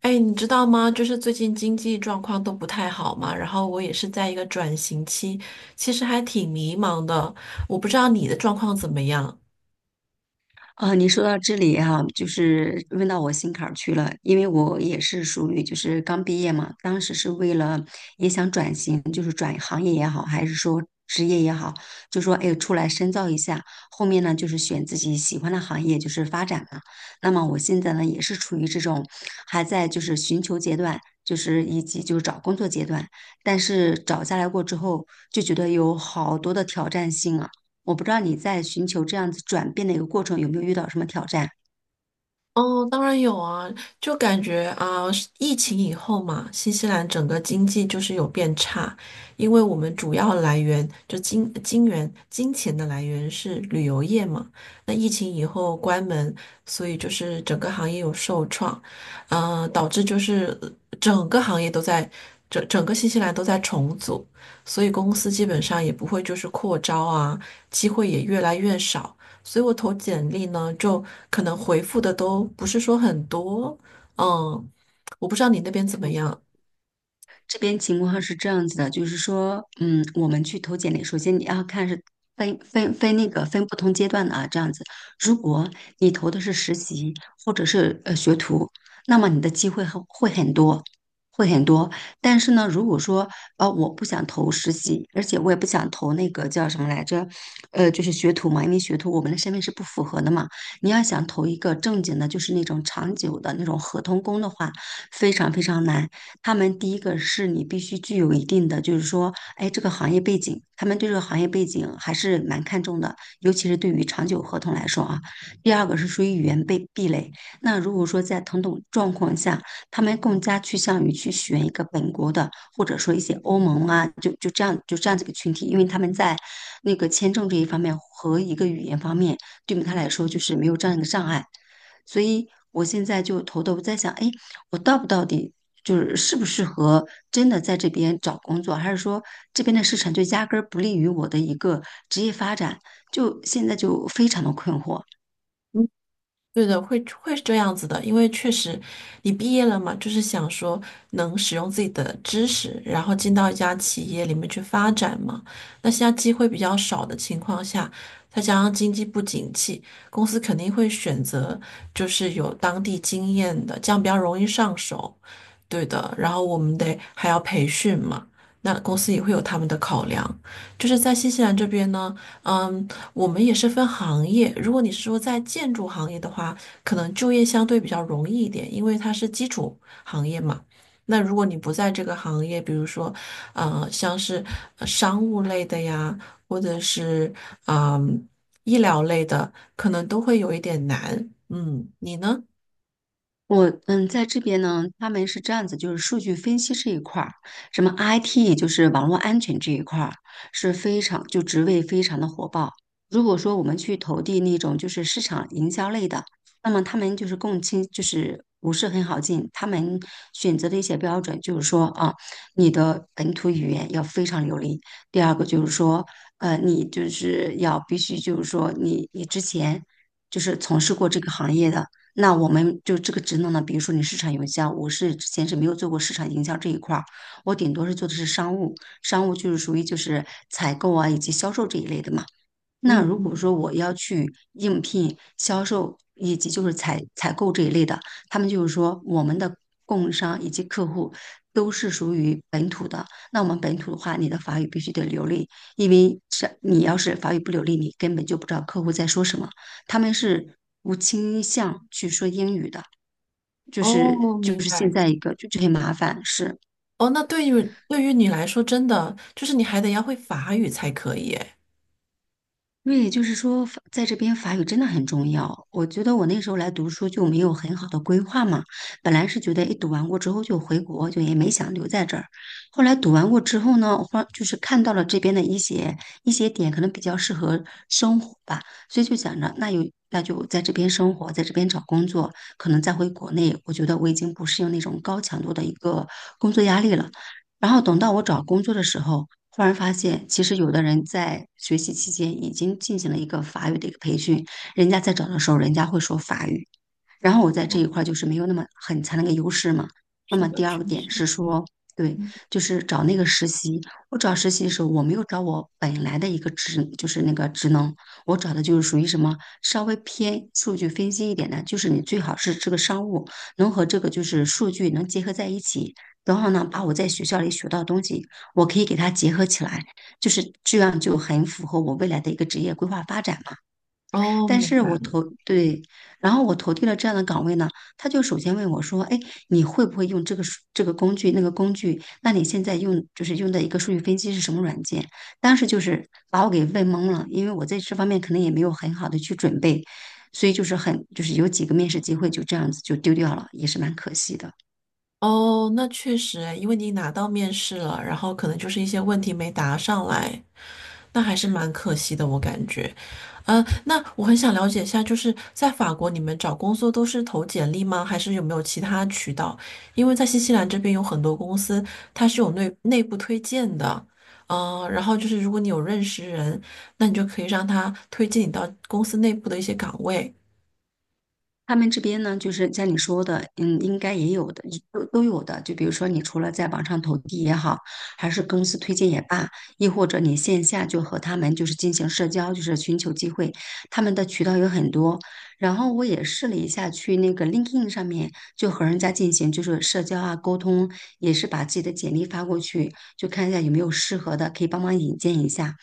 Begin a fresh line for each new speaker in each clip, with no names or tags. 哎，你知道吗？就是最近经济状况都不太好嘛，然后我也是在一个转型期，其实还挺迷茫的。我不知道你的状况怎么样。
啊，你说到这里哈、就是问到我心坎儿去了，因为我也是属于就是刚毕业嘛，当时是为了也想转型，就是转行业也好，还是说职业也好，就说哎出来深造一下，后面呢就是选自己喜欢的行业就是发展嘛。那么我现在呢也是处于这种还在就是寻求阶段。就是以及就是找工作阶段，但是找下来过之后，就觉得有好多的挑战性啊。我不知道你在寻求这样子转变的一个过程有没有遇到什么挑战？
哦，当然有啊，就感觉啊，疫情以后嘛，新西兰整个经济就是有变差，因为我们主要来源就金金源金钱的来源是旅游业嘛，那疫情以后关门，所以就是整个行业有受创，导致就是整个行业都在整个新西兰都在重组，所以公司基本上也不会就是扩招啊，机会也越来越少。所以我投简历呢，就可能回复的都不是说很多，嗯，我不知道你那边怎么样。
这边情况是这样子的，就是说，嗯，我们去投简历，首先你要看是分分分那个分不同阶段的啊，这样子。如果你投的是实习或者是学徒，那么你的机会很会很多，会很多。但是呢，如果说我不想投实习，而且我也不想投那个叫什么来着，就是学徒嘛，因为学徒我们的身份是不符合的嘛。你要想投一个正经的，就是那种长久的那种合同工的话，非常非常难。他们第一个是你必须具有一定的，就是说，哎，这个行业背景，他们对这个行业背景还是蛮看重的，尤其是对于长久合同来说啊。第二个是属于语言被壁垒，那如果说在同等状况下，他们更加趋向于去选一个本国的，或者说一些欧盟啊，就这样子一个群体，因为他们在那个签证这一方面和一个语言方面，对于他来说就是没有这样一个障碍。所以我现在就头在想，哎，我到不到底就是适不适合真的在这边找工作，还是说这边的市场就压根儿不利于我的一个职业发展？就现在就非常的困惑。
嗯，对的，会是这样子的，因为确实你毕业了嘛，就是想说能使用自己的知识，然后进到一家企业里面去发展嘛。那现在机会比较少的情况下，再加上经济不景气，公司肯定会选择就是有当地经验的，这样比较容易上手。对的，然后我们得还要培训嘛，那公司也会有他们的考量。就是在新西兰这边呢，嗯，我们也是分行业。如果你是说在建筑行业的话，可能就业相对比较容易一点，因为它是基础行业嘛。那如果你不在这个行业，比如说，像是商务类的呀，或者是嗯医疗类的，可能都会有一点难。嗯，你呢？
我嗯，在这边呢，他们是这样子，就是数据分析这一块儿，什么 IT 就是网络安全这一块儿是非常就职位非常的火爆。如果说我们去投递那种就是市场营销类的，那么他们就是共青就是不是很好进，他们选择的一些标准就是说啊，你的本土语言要非常流利，第二个就是说你就是要必须就是说你之前就是从事过这个行业的。那我们就这个职能呢，比如说你市场营销，我是之前是没有做过市场营销这一块儿，我顶多是做的是商务，商务就是属于就是采购啊以及销售这一类的嘛。那
嗯
如果
嗯，
说我要去应聘销售以及就是采购这一类的，他们就是说我们的供应商以及客户都是属于本土的。那我们本土的话，你的法语必须得流利，因为是你要是法语不流利，你根本就不知道客户在说什么。他们是不倾向去说英语的，就是
哦，
就
明
是现
白。
在一个就这些麻烦是。
哦，那对于你来说，真的就是你还得要会法语才可以，哎，
对，就是说法在这边法语真的很重要。我觉得我那时候来读书就没有很好的规划嘛，本来是觉得一读完过之后就回国，就也没想留在这儿。后来读完过之后呢，我忽然就是看到了这边的一些点，可能比较适合生活吧，所以就想着那有那就在这边生活，在这边找工作，可能再回国内，我觉得我已经不适应那种高强度的一个工作压力了。然后等到我找工作的时候，忽然发现，其实有的人在学习期间已经进行了一个法语的一个培训，人家在找的时候，人家会说法语；然后我在这一块儿就是没有那么很强的一个优势嘛。那
是
么
的，
第二
确
个点
实。
是说，对，就是找那个实习。我找实习的时候，我没有找我本来的一个职，就是那个职能，我找的就是属于什么稍微偏数据分析一点的，就是你最好是这个商务能和这个就是数据能结合在一起，然后呢，把我在学校里学到的东西，我可以给它结合起来，就是这样就很符合我未来的一个职业规划发展嘛。
哦，
但
明
是
白
我
了。
投，对，然后我投递了这样的岗位呢，他就首先问我说，哎，你会不会用这个数这个工具那个工具？那你现在用就是用的一个数据分析是什么软件？当时就是把我给问懵了，因为我在这方面可能也没有很好的去准备，所以就是很就是有几个面试机会就这样子就丢掉了，也是蛮可惜的。
哦，那确实诶，因为你拿到面试了，然后可能就是一些问题没答上来，那还是蛮可惜的，我感觉。那我很想了解一下，就是在法国，你们找工作都是投简历吗？还是有没有其他渠道？因为在新西兰这边有很多公司，它是有内部推荐的。然后就是如果你有认识人，那你就可以让他推荐你到公司内部的一些岗位。
他们这边呢，就是像你说的，嗯，应该也有的，都有的。就比如说，你除了在网上投递也好，还是公司推荐也罢，亦或者你线下就和他们就是进行社交，就是寻求机会，他们的渠道有很多。然后我也试了一下，去那个 LinkedIn 上面就和人家进行就是社交啊沟通，也是把自己的简历发过去，就看一下有没有适合的，可以帮忙引荐一下。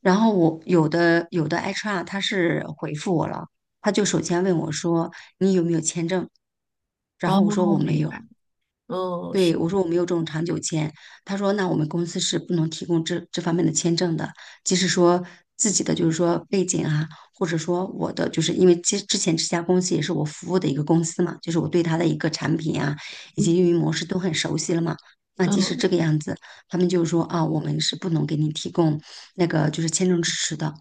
然后我有的 HR 他是回复我了，他就首先问我说你有没有签证，然
哦，
后我说我没
明
有，
白。嗯，是，
对我说我没有这种长久签，他说那我们公司是不能提供这方面的签证的，即使说自己的就是说背景啊，或者说我的就是因为之前这家公司也是我服务的一个公司嘛，就是我对它的一个产品啊以及
嗯
运营模式都很熟悉了嘛，那即使这
嗯
个样子，他们就说啊我们是不能给你提供那个就是签证支持的。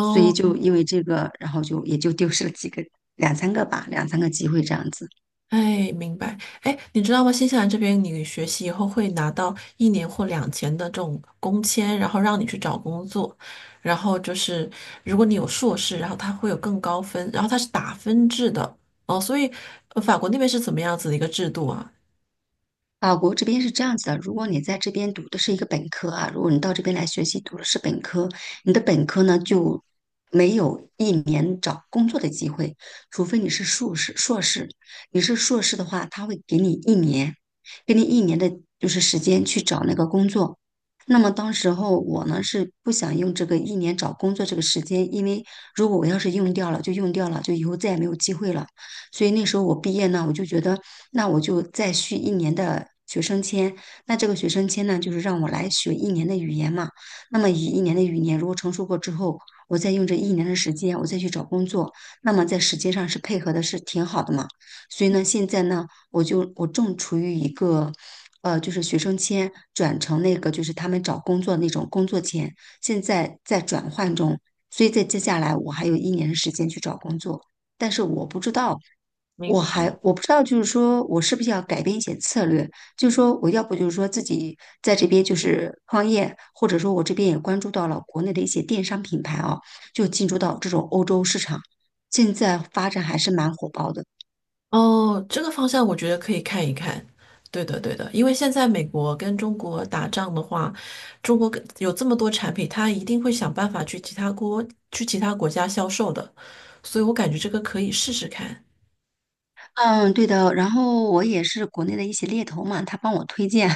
所以就因为这个，然后就也就丢失了几个两三个吧，两三个机会这样子。
哎，明白。哎，你知道吗？新西兰这边，你学习以后会拿到1年或2年的这种工签，然后让你去找工作。然后就是，如果你有硕士，然后它会有更高分，然后它是打分制的。哦，所以，法国那边是怎么样子的一个制度啊？
法国这边是这样子的，如果你在这边读的是一个本科啊，如果你到这边来学习读的是本科，你的本科呢就没有一年找工作的机会，除非你是硕士。硕士，你是硕士的话，他会给你一年，给你一年的就是时间去找那个工作。那么当时候我呢是不想用这个一年找工作这个时间，因为如果我要是用掉了就用掉了，就以后再也没有机会了。所以那时候我毕业呢，我就觉得那我就再续一年的学生签。那这个学生签呢，就是让我来学一年的语言嘛。那么以一年的语言如果成熟过之后，我再用这一年的时间，我再去找工作，那么在时间上是配合的是挺好的嘛。所以呢，现在呢，我就我正处于一个。就是学生签转成那个，就是他们找工作那种工作签，现在在转换中，所以在接下来我还有一年的时间去找工作。但是我不知道，
明
我
白
还
了。
我不知道，就是说我是不是要改变一些策略，就是说我要不就是说自己在这边就是创业，或者说我这边也关注到了国内的一些电商品牌啊，就进驻到这种欧洲市场，现在发展还是蛮火爆的。
哦，这个方向我觉得可以看一看。对的，对的，因为现在美国跟中国打仗的话，中国跟有这么多产品，它一定会想办法去其他国家销售的，所以我感觉这个可以试试看。
嗯，对的。然后我也是国内的一些猎头嘛，他帮我推荐，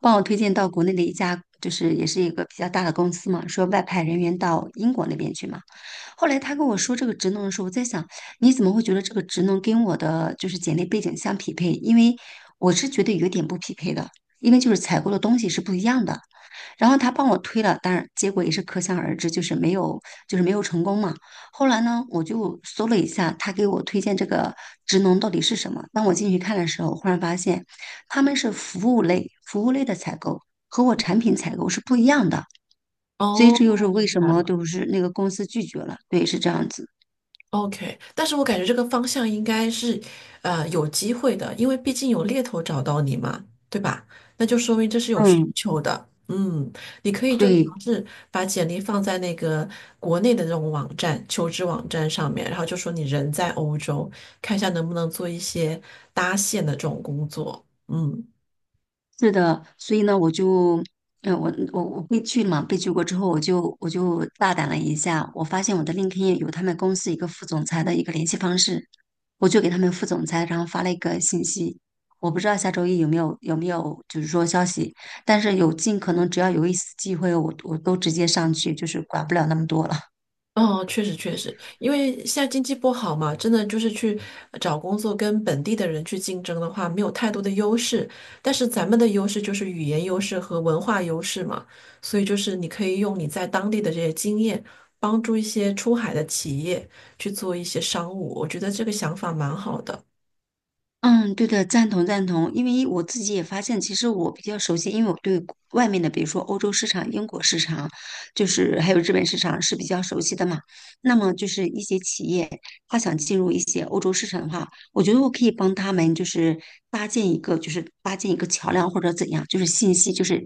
帮我推荐到国内的一家，就是也是一个比较大的公司嘛，说外派人员到英国那边去嘛。后来他跟我说这个职能的时候，我在想，你怎么会觉得这个职能跟我的就是简历背景相匹配？因为我是觉得有点不匹配的，因为就是采购的东西是不一样的。然后他帮我推了，当然结果也是可想而知，就是没有，就是没有成功嘛。后来呢，我就搜了一下他给我推荐这个职能到底是什么。当我进去看的时候，忽然发现他们是服务类，服务类的采购和我产品采购是不一样的，所以
哦，
这又是为
明
什
白
么
了。
就是那个公司拒绝了。对，是这样子。
OK，但是我感觉这个方向应该是，有机会的，因为毕竟有猎头找到你嘛，对吧？那就说明这是有需
嗯，
求的。嗯，你可以就
对。
尝试把简历放在那个国内的这种网站、求职网站上面，然后就说你人在欧洲，看一下能不能做一些搭线的这种工作。嗯。
是的，所以呢，我就，嗯，我被拒了嘛，被拒过之后，我就大胆了一下，我发现我的 LinkedIn 有他们公司一个副总裁的一个联系方式，我就给他们副总裁，然后发了一个信息，我不知道下周一有没有就是说消息，但是有尽可能只要有一丝机会，我都直接上去，就是管不了那么多了。
哦，确实确实，因为现在经济不好嘛，真的就是去找工作跟本地的人去竞争的话，没有太多的优势。但是咱们的优势就是语言优势和文化优势嘛，所以就是你可以用你在当地的这些经验，帮助一些出海的企业去做一些商务，我觉得这个想法蛮好的。
嗯，对的，赞同赞同，因为我自己也发现，其实我比较熟悉，因为我对国外面的，比如说欧洲市场、英国市场，就是还有日本市场是比较熟悉的嘛。那么就是一些企业，他想进入一些欧洲市场的话，我觉得我可以帮他们，就是搭建一个，就是搭建一个桥梁或者怎样，就是信息，就是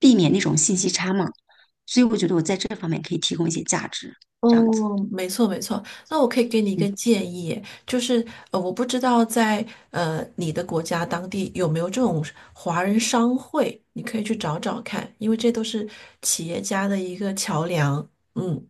避免那种信息差嘛。所以我觉得我在这方面可以提供一些价值，这样子。
哦，没错没错。那我可以给你一个
嗯。
建议，就是我不知道在你的国家当地有没有这种华人商会，你可以去找找看，因为这都是企业家的一个桥梁。嗯，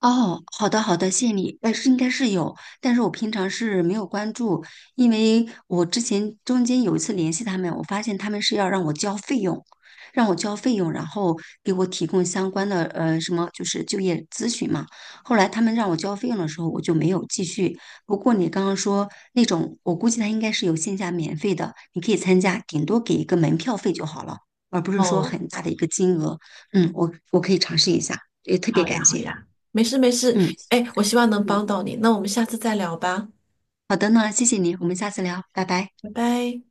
哦，好的好的，谢谢你。是应该是有，但是我平常是没有关注，因为我之前中间有一次联系他们，我发现他们是要让我交费用，让我交费用，然后给我提供相关的什么就是就业咨询嘛。后来他们让我交费用的时候，我就没有继续。不过你刚刚说那种，我估计他应该是有线下免费的，你可以参加，顶多给一个门票费就好了，而不是说
哦，
很大的一个金额。嗯，我可以尝试一下，也特别
好呀
感
好
谢。
呀，没事没事。
嗯。
哎，我希望能帮到你，那我们下次再聊吧，
好的呢，谢谢你，我们下次聊，拜拜。
拜拜。